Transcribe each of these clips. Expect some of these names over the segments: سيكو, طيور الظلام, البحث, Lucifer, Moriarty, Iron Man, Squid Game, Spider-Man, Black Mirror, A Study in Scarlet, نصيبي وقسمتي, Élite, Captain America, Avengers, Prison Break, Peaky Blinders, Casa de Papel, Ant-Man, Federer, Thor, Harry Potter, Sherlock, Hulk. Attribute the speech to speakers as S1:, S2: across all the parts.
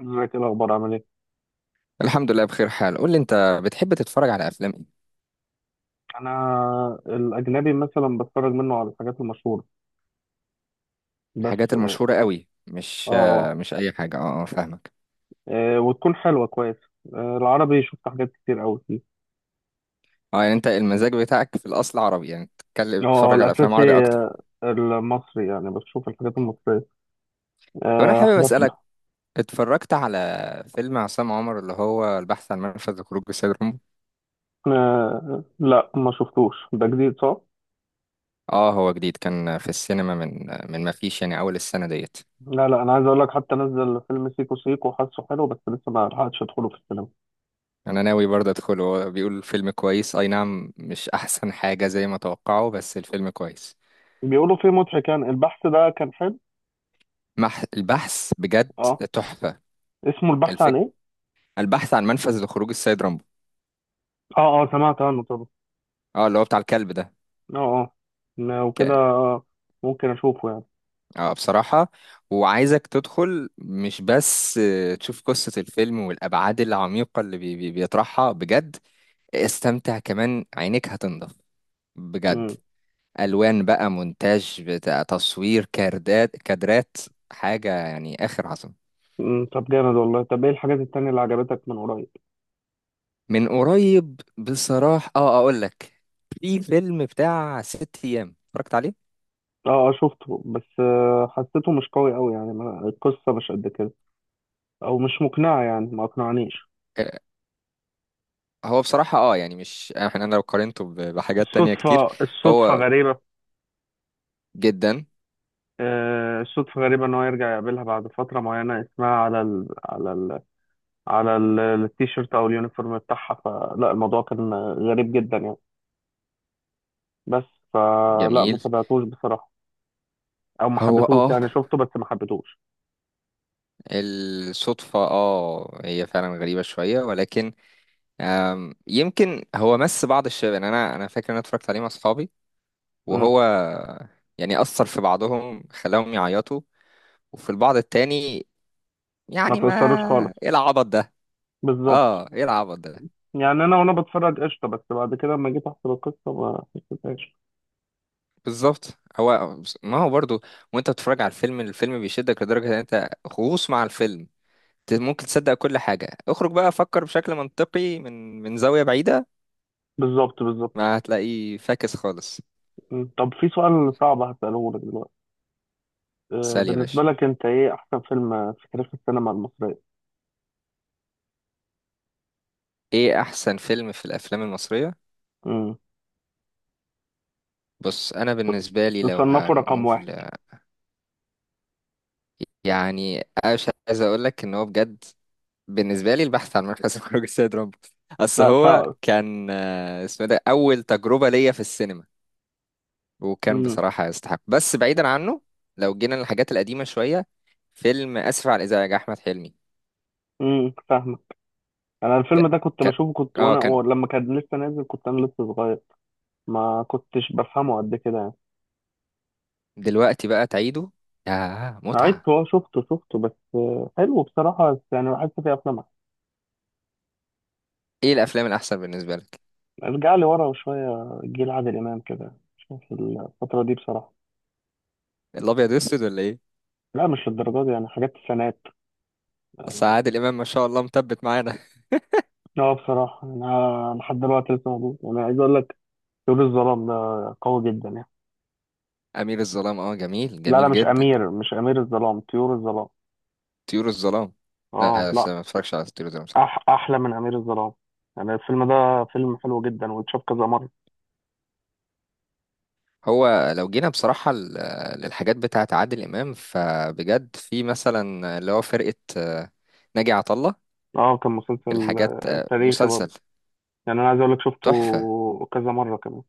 S1: ازيك، ايه الاخبار؟ عامل ايه؟
S2: الحمد لله بخير حال، قول لي انت بتحب تتفرج على افلام ايه؟
S1: انا الاجنبي مثلا بتفرج منه على الحاجات المشهوره، بس
S2: الحاجات المشهورة قوي، مش آه،
S1: اه،
S2: مش اي حاجة. اه، اه، فاهمك.
S1: آه، وتكون حلوه كويس. آه، العربي شفت حاجات كتير قوي فيه.
S2: اه، يعني انت المزاج بتاعك في الاصل عربي، يعني بتتكلم
S1: اه
S2: بتتفرج على افلام عربي
S1: الاساسي،
S2: اكتر؟
S1: المصري يعني بشوف الحاجات المصريه،
S2: طب انا حابب
S1: حاجات.
S2: اسالك، اتفرجت على فيلم عصام عمر اللي هو البحث عن منفذ لخروج السيد رامبو؟
S1: آه، لا، ما شفتوش، ده جديد صح؟
S2: اه، هو جديد، كان في السينما من ما فيش يعني اول السنة ديت.
S1: لا لا، انا عايز اقول لك، حتى نزل فيلم سيكو سيكو، حاسه حلو بس لسه ما لحقتش ادخله في السينما.
S2: انا ناوي برضه ادخله، هو بيقول فيلم كويس، اي نعم مش احسن حاجة زي ما توقعوا، بس الفيلم كويس.
S1: بيقولوا فيه مضحك، يعني البحث ده كان حلو.
S2: البحث بجد
S1: اه.
S2: تحفة.
S1: اسمه البحث عن
S2: الفكرة،
S1: ايه؟
S2: البحث عن منفذ لخروج السيد رامبو.
S1: اه اه، سمعت عنه طبعا.
S2: اه، اللي هو بتاع الكلب ده.
S1: اه اه، وكده.
S2: ك...
S1: ممكن اشوفه يعني.
S2: اه، بصراحة، وعايزك تدخل مش بس تشوف قصة الفيلم والأبعاد العميقة اللي بيطرحها بجد. استمتع كمان، عينيك هتنضف بجد.
S1: مم.
S2: ألوان بقى، مونتاج بتاع تصوير، كادرات كادرات، حاجة يعني آخر عظمة.
S1: مم. طب جامد والله، طب ايه الحاجات التانية اللي عجبتك من قريب؟
S2: من قريب بصراحة أقول لك، في فيلم بتاع ست أيام اتفرجت عليه.
S1: اه اه، شفته، بس حسيته مش قوي قوي، يعني القصة مش قد كده، او مش مقنعة، يعني ما اقنعنيش.
S2: هو بصراحة يعني، مش احنا، انا لو قارنته بحاجات تانية كتير.
S1: الصدفة
S2: هو
S1: غريبة.
S2: جدا
S1: آه، الصدفة غريبة ان هو يرجع يقابلها بعد فترة معينة اسمها التيشيرت او اليونيفورم بتاعها، فلا الموضوع كان غريب جدا يعني، بس. فلا ما
S2: جميل.
S1: تابعتوش بصراحة، او ما
S2: هو
S1: حبيتهوش،
S2: اه
S1: يعني شفته بس ما حبيتهوش.
S2: الصدفة هي فعلا غريبة شوية، ولكن يمكن هو مس بعض الشباب، يعني انا فاكر ان انا اتفرجت عليه مع اصحابي
S1: مم.
S2: وهو يعني اثر في بعضهم خلاهم يعيطوا، وفي البعض التاني
S1: ما
S2: يعني ما.
S1: تأثرش خالص.
S2: ايه العبط ده؟
S1: بالظبط.
S2: اه، ايه العبط ده؟
S1: يعني انا وانا بتفرج قشطه، بس بعد كده لما جيت احسب القصه ما حسيتهاش.
S2: بالظبط. هو ما هو برضو، وانت بتتفرج على الفيلم، الفيلم بيشدك لدرجة ان انت غوص مع الفيلم، ممكن تصدق كل حاجة. اخرج بقى فكر بشكل منطقي من زاوية بعيدة،
S1: بالظبط، بالظبط.
S2: ما هتلاقيه فاكس خالص.
S1: مم. طب في سؤال صعب هسأله لك دلوقتي، آه،
S2: سأل يا
S1: بالنسبه
S2: باشا،
S1: لك انت ايه احسن فيلم في تاريخ السينما المصريه؟
S2: ايه احسن فيلم في الافلام المصرية؟
S1: امم
S2: بص انا بالنسبة لي لو
S1: تصنفه رقم
S2: هنقول،
S1: واحد؟
S2: يعني مش عايز اقول لك ان هو بجد بالنسبة لي البحث عن مركز خروج السيد رامبو. اصل
S1: لا،
S2: هو
S1: صعب.
S2: كان اسمه إيه ده اول تجربة ليا في السينما، وكان
S1: امم
S2: بصراحة يستحق، بس بعيدا عنه، لو جينا للحاجات القديمة شوية، فيلم اسف على الازعاج احمد حلمي.
S1: فاهمك. انا الفيلم
S2: ك-
S1: ده كنت
S2: كان
S1: بشوفه، كنت
S2: اه
S1: وانا،
S2: كان
S1: لما كان لسه نازل كنت انا لسه صغير، ما كنتش بفهمه قد كده يعني.
S2: دلوقتي بقى تعيده، ياه
S1: عدت،
S2: متعة.
S1: هو شفته بس حلو بصراحه، بس يعني بحس فيه افلام.
S2: ايه الافلام الاحسن بالنسبة لك؟
S1: ارجع لي ورا شوية، جيل عادل إمام كده، شوف الفترة دي بصراحة.
S2: الابيض والاسود ولا ايه؟
S1: لا، مش للدرجة دي، يعني حاجات السنات.
S2: اصل عادل امام ما شاء الله مثبت معانا.
S1: اه بصراحة، أنا لحد دلوقتي لسه موجود، أنا عايز أقول لك، طيور الظلام ده قوي جدا يعني.
S2: امير الظلام، اه جميل
S1: لا لا،
S2: جميل
S1: مش
S2: جدا.
S1: أمير، مش أمير الظلام، طيور الظلام.
S2: طيور الظلام.
S1: اه،
S2: لا بس
S1: لا.
S2: أنا ما اتفرجش على طيور الظلام صراحة.
S1: أحلى من أمير الظلام، يعني الفيلم ده فيلم حلو جدا، واتشاف كذا مرة.
S2: هو لو جينا بصراحة للحاجات بتاعة عادل امام، فبجد في مثلا اللي هو فرقة ناجي عطا الله،
S1: اه كان مسلسل
S2: الحاجات
S1: تاريخي برضه،
S2: مسلسل
S1: يعني أنا عايز أقول لك،
S2: تحفة.
S1: شفته كذا مرة كمان.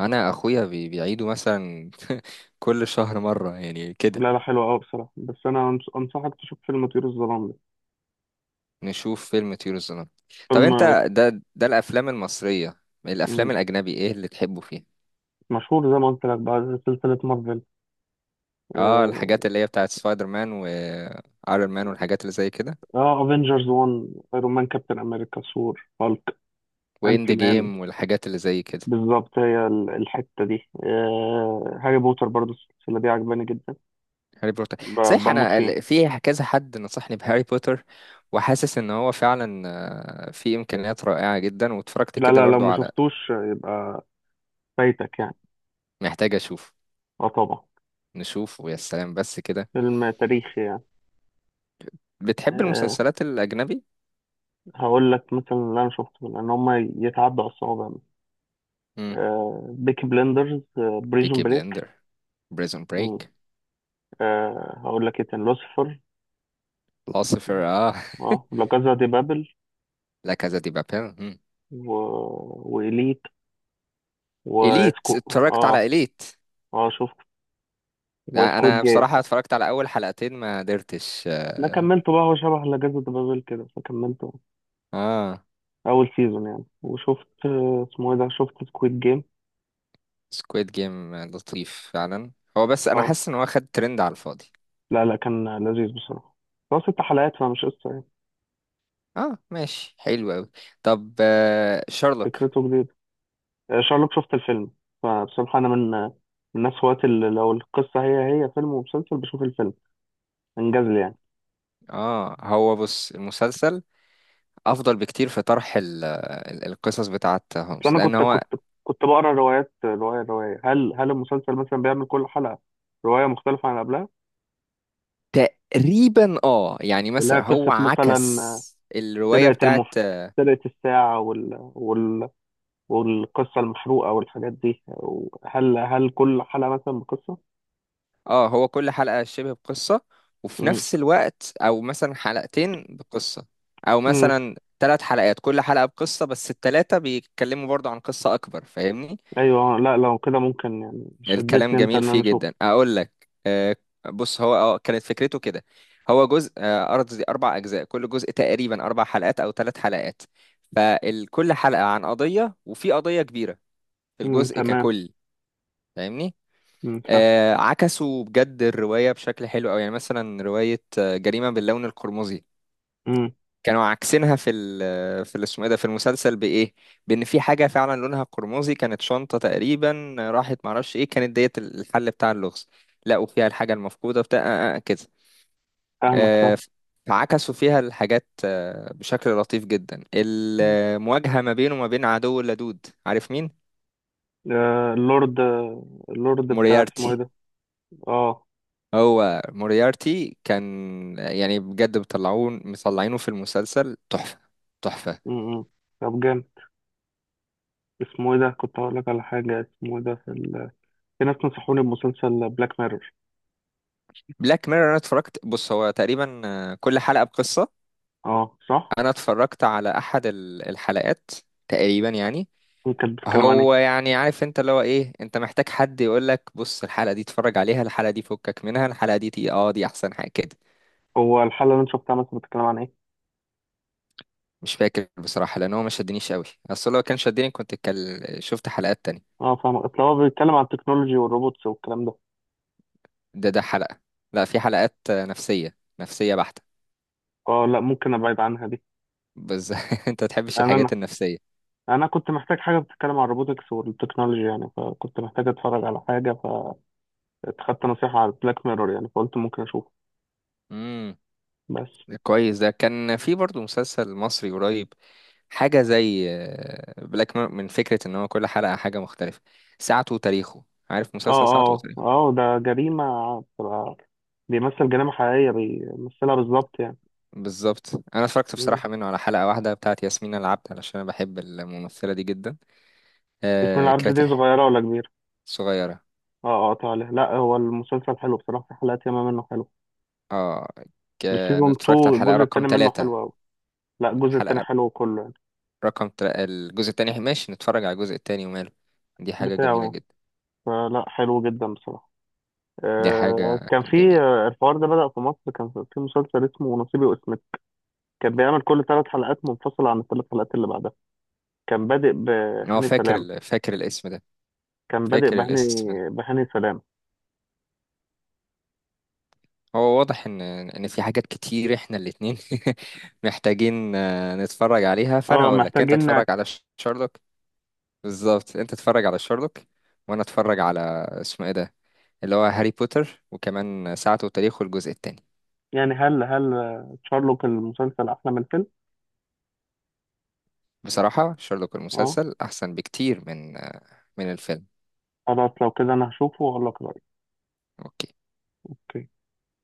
S2: انا اخويا بيعيده مثلا كل شهر مرة يعني كده.
S1: لا لا، حلو قوي بصراحة، بس أنا أنصحك تشوف فيلم طيور الظلام ده.
S2: نشوف فيلم طيور الظلام. طب
S1: فيلم.
S2: انت ده، ده الافلام المصرية، الافلام
S1: مم.
S2: الاجنبي ايه اللي تحبه فيها؟
S1: مشهور، زي ما قلت لك بقى، زي سلسلة مارفل،
S2: اه، الحاجات اللي هي بتاعت سبايدر مان وايرون مان والحاجات اللي زي كده،
S1: اه افنجرز 1، ايرون مان، كابتن امريكا، ثور، هالك،
S2: واند
S1: انتي مان.
S2: جيم والحاجات اللي زي كده.
S1: بالظبط، هي الحتة دي، هاري بوتر برضو السلسلة دي عجباني جدا.
S2: هاري بوتر،
S1: ب-
S2: صحيح
S1: بموت
S2: انا
S1: فيه.
S2: في كذا حد نصحني بهاري بوتر، وحاسس ان هو فعلا في امكانيات رائعة جدا، واتفرجت
S1: لا
S2: كده
S1: لا، لو
S2: برضو
S1: ما
S2: على،
S1: شفتوش يبقى فايتك يعني.
S2: محتاج اشوف،
S1: اه طبعا.
S2: نشوف ويا سلام بس كده.
S1: فيلم تاريخي يعني.
S2: بتحب
S1: آه.
S2: المسلسلات الاجنبي؟
S1: هقول لك مثلا اللي انا شفته، لان هما يتعدوا على الصوابع،
S2: امم.
S1: بيكي بلندرز، بريزون
S2: بيكي
S1: بريك،
S2: بلندر، بريزون بريك،
S1: هقول لك ايه تاني، لوسيفر.
S2: العاصفر، اه
S1: اه، لا كازا دي بابل،
S2: لا كازا دي بابيل،
S1: و... وإليت،
S2: إليت، اتفرجت على
S1: اه.
S2: إليت.
S1: اه شفت،
S2: لا
S1: وسكوت
S2: أنا
S1: جيم.
S2: بصراحة اتفرجت على أول حلقتين، ما قدرتش
S1: انا
S2: آه,
S1: كملته بقى، هو شبه لا كازا دي بابل كده، فكملته
S2: آه.
S1: اول سيزون يعني. وشفت اسمه ايه ده، شفت سكويد جيم.
S2: سكويد جيم لطيف فعلا، هو بس أنا
S1: اه.
S2: حاسس إن هو خد ترند على الفاضي.
S1: لا لا، كان لذيذ بصراحة، هو ست حلقات فمش قصة يعني.
S2: اه ماشي حلو أوي. طب شارلوك؟
S1: فكرته جديدة. آه، شارلوك شفت الفيلم. فبصراحة انا من الناس هواة اللي لو القصة هي هي فيلم ومسلسل بشوف الفيلم، انجاز لي يعني.
S2: اه هو بص، المسلسل أفضل بكتير في طرح القصص بتاعة
S1: اصل
S2: هومس،
S1: انا
S2: لأن
S1: كنت
S2: هو
S1: كنت كنت بقرا روايات، روايه روايه، هل المسلسل مثلا بيعمل كل حلقه روايه مختلفه عن قبلها،
S2: تقريبا يعني
S1: اللي هي
S2: مثلا هو
S1: قصه مثلا،
S2: عكس الرواية
S1: سرقه
S2: بتاعة.
S1: المف سرقه الساعه، والقصه المحروقه والحاجات دي، هل كل حلقه مثلا بقصه؟
S2: اه، هو كل حلقة شبه بقصة، وفي
S1: امم
S2: نفس الوقت او مثلا حلقتين بقصة، او
S1: امم
S2: مثلا ثلاث حلقات كل حلقة بقصة بس الثلاثة بيتكلموا برضو عن قصة اكبر، فاهمني؟
S1: ايوه، لا، لو كده ممكن يعني،
S2: الكلام
S1: شدتني انت
S2: جميل
S1: ان انا
S2: فيه
S1: اشوف.
S2: جدا، اقول لك بص، هو كانت فكرته كده. هو جزء ارض دي اربع اجزاء، كل جزء تقريبا اربع حلقات او ثلاث حلقات، فكل حلقة عن قضية وفي قضية كبيرة في الجزء
S1: تمام.
S2: ككل، فاهمني؟
S1: فاهم.
S2: عكسوا بجد الرواية بشكل حلو أوي، يعني مثلا رواية جريمة باللون القرمزي،
S1: امم
S2: كانوا عاكسينها، اسمه ايه ده، في المسلسل بإيه؟ بإن في حاجة فعلا لونها قرمزي، كانت شنطة تقريبا راحت معرفش إيه كانت ديت الحل بتاع اللغز، لقوا فيها الحاجة المفقودة بتاع كده.
S1: فاهمك فاهم.
S2: آه، فعكسوا فيها الحاجات بشكل لطيف جدا،
S1: مم.
S2: المواجهة ما بينه وما بين عدو اللدود، عارف مين؟
S1: آه، اللورد. اللورد بتاع اسمه ايه
S2: موريارتي.
S1: ده. اه.
S2: هو موريارتي كان يعني بجد بيطلعون مطلعينه في المسلسل تحفة، تحفة.
S1: امم طب جامد. اسمه ايه ده كنت هقول لك على حاجة، اسمه ايه ده في ناس نصحوني بمسلسل بلاك ميرور.
S2: بلاك ميرور، انا اتفرجت، بص هو تقريبا كل حلقة بقصة.
S1: اه، صح؟
S2: انا اتفرجت على احد الحلقات تقريبا يعني.
S1: هي كانت بتتكلم عن ايه؟
S2: هو يعني عارف انت اللي هو ايه، انت محتاج حد يقول لك بص الحلقة دي اتفرج عليها، الحلقة دي فكك منها، الحلقة دي تي اه دي احسن حاجة كده.
S1: هو الحلقة اللي انت شفتها مثلا بتتكلم عن ايه؟
S2: مش فاكر بصراحة لان هو ما شدنيش قوي، اصل لو كان شدني كنت شفت حلقات تانية.
S1: اه فاهم، اصل هو بيتكلم عن التكنولوجي والروبوتس والكلام ده.
S2: ده، ده حلقة، لا في حلقات نفسية نفسية بحتة.
S1: اه، لا، ممكن ابعد عنها دي.
S2: بس انت تحبش
S1: انا انا
S2: الحاجات النفسية.
S1: انا كنت محتاج حاجة بتتكلم عن الروبوتكس والتكنولوجي يعني، فكنت محتاج اتفرج على حاجة، فاتخدت نصيحة على بلاك ميرور، يعني فقلت ممكن اشوفه.
S2: امم.
S1: بس.
S2: كويس ده كان في برضو مسلسل مصري قريب، حاجة زي بلاك، من فكرة ان هو كل حلقة حاجة مختلفة. ساعته وتاريخه، عارف مسلسل
S1: اه،
S2: ساعته
S1: اه،
S2: وتاريخه؟
S1: اه، ده جريمة بتبقى، بيمثل جريمة حقيقية بيمثلها بالظبط
S2: بالظبط، انا اتفرجت
S1: يعني.
S2: بصراحة منه على حلقة واحدة بتاعت ياسمين العبد علشان انا بحب الممثلة دي جدا.
S1: اسم
S2: آه
S1: العبد
S2: كانت
S1: دي
S2: الح-
S1: صغيرة ولا كبيرة؟
S2: صغيرة.
S1: اه اه، تعالى، لا هو المسلسل حلو بصراحة، في حلقات ياما منه حلو.
S2: اه ك- انا
S1: السيزون
S2: اتفرجت على
S1: 2
S2: الحلقة
S1: الجزء
S2: رقم
S1: التاني منه
S2: ثلاثة
S1: حلو أوي. لا، الجزء التاني
S2: الحلقة
S1: حلو كله يعني،
S2: الجزء التاني ماشي، نتفرج على الجزء التاني وماله. دي حاجة
S1: بتاعه
S2: جميلة
S1: يعني،
S2: جدا،
S1: فلا حلو جدا بصراحة.
S2: دي
S1: آه
S2: حاجة
S1: كان في
S2: جميلة.
S1: الحوار ده بدأ في مصر، كان في مسلسل اسمه نصيبي وقسمتي، كان بيعمل كل ثلاث حلقات منفصلة عن الثلاث حلقات اللي بعدها، كان بادئ
S2: هو
S1: بهاني سلام.
S2: فاكر الاسم ده،
S1: كان بادئ
S2: فاكر
S1: بهاني،
S2: الاسم ده.
S1: بهاني سلام.
S2: هو واضح ان في حاجات كتير احنا الاتنين محتاجين نتفرج عليها، فانا
S1: اه
S2: اقول لك انت
S1: محتاجين
S2: اتفرج
S1: نعكس.
S2: على شارلوك. بالظبط انت اتفرج على شارلوك، وانا اتفرج على، اسمه ايه ده، اللي هو هاري بوتر، وكمان ساعته وتاريخه الجزء الثاني.
S1: يعني هل شارلوك المسلسل أحلى من الفيلم؟
S2: بصراحة شارلوك
S1: اه.
S2: المسلسل احسن بكتير من الفيلم.
S1: خلاص، لو كده انا هشوفه واقول لك رأيي.
S2: اوكي.
S1: اوكي.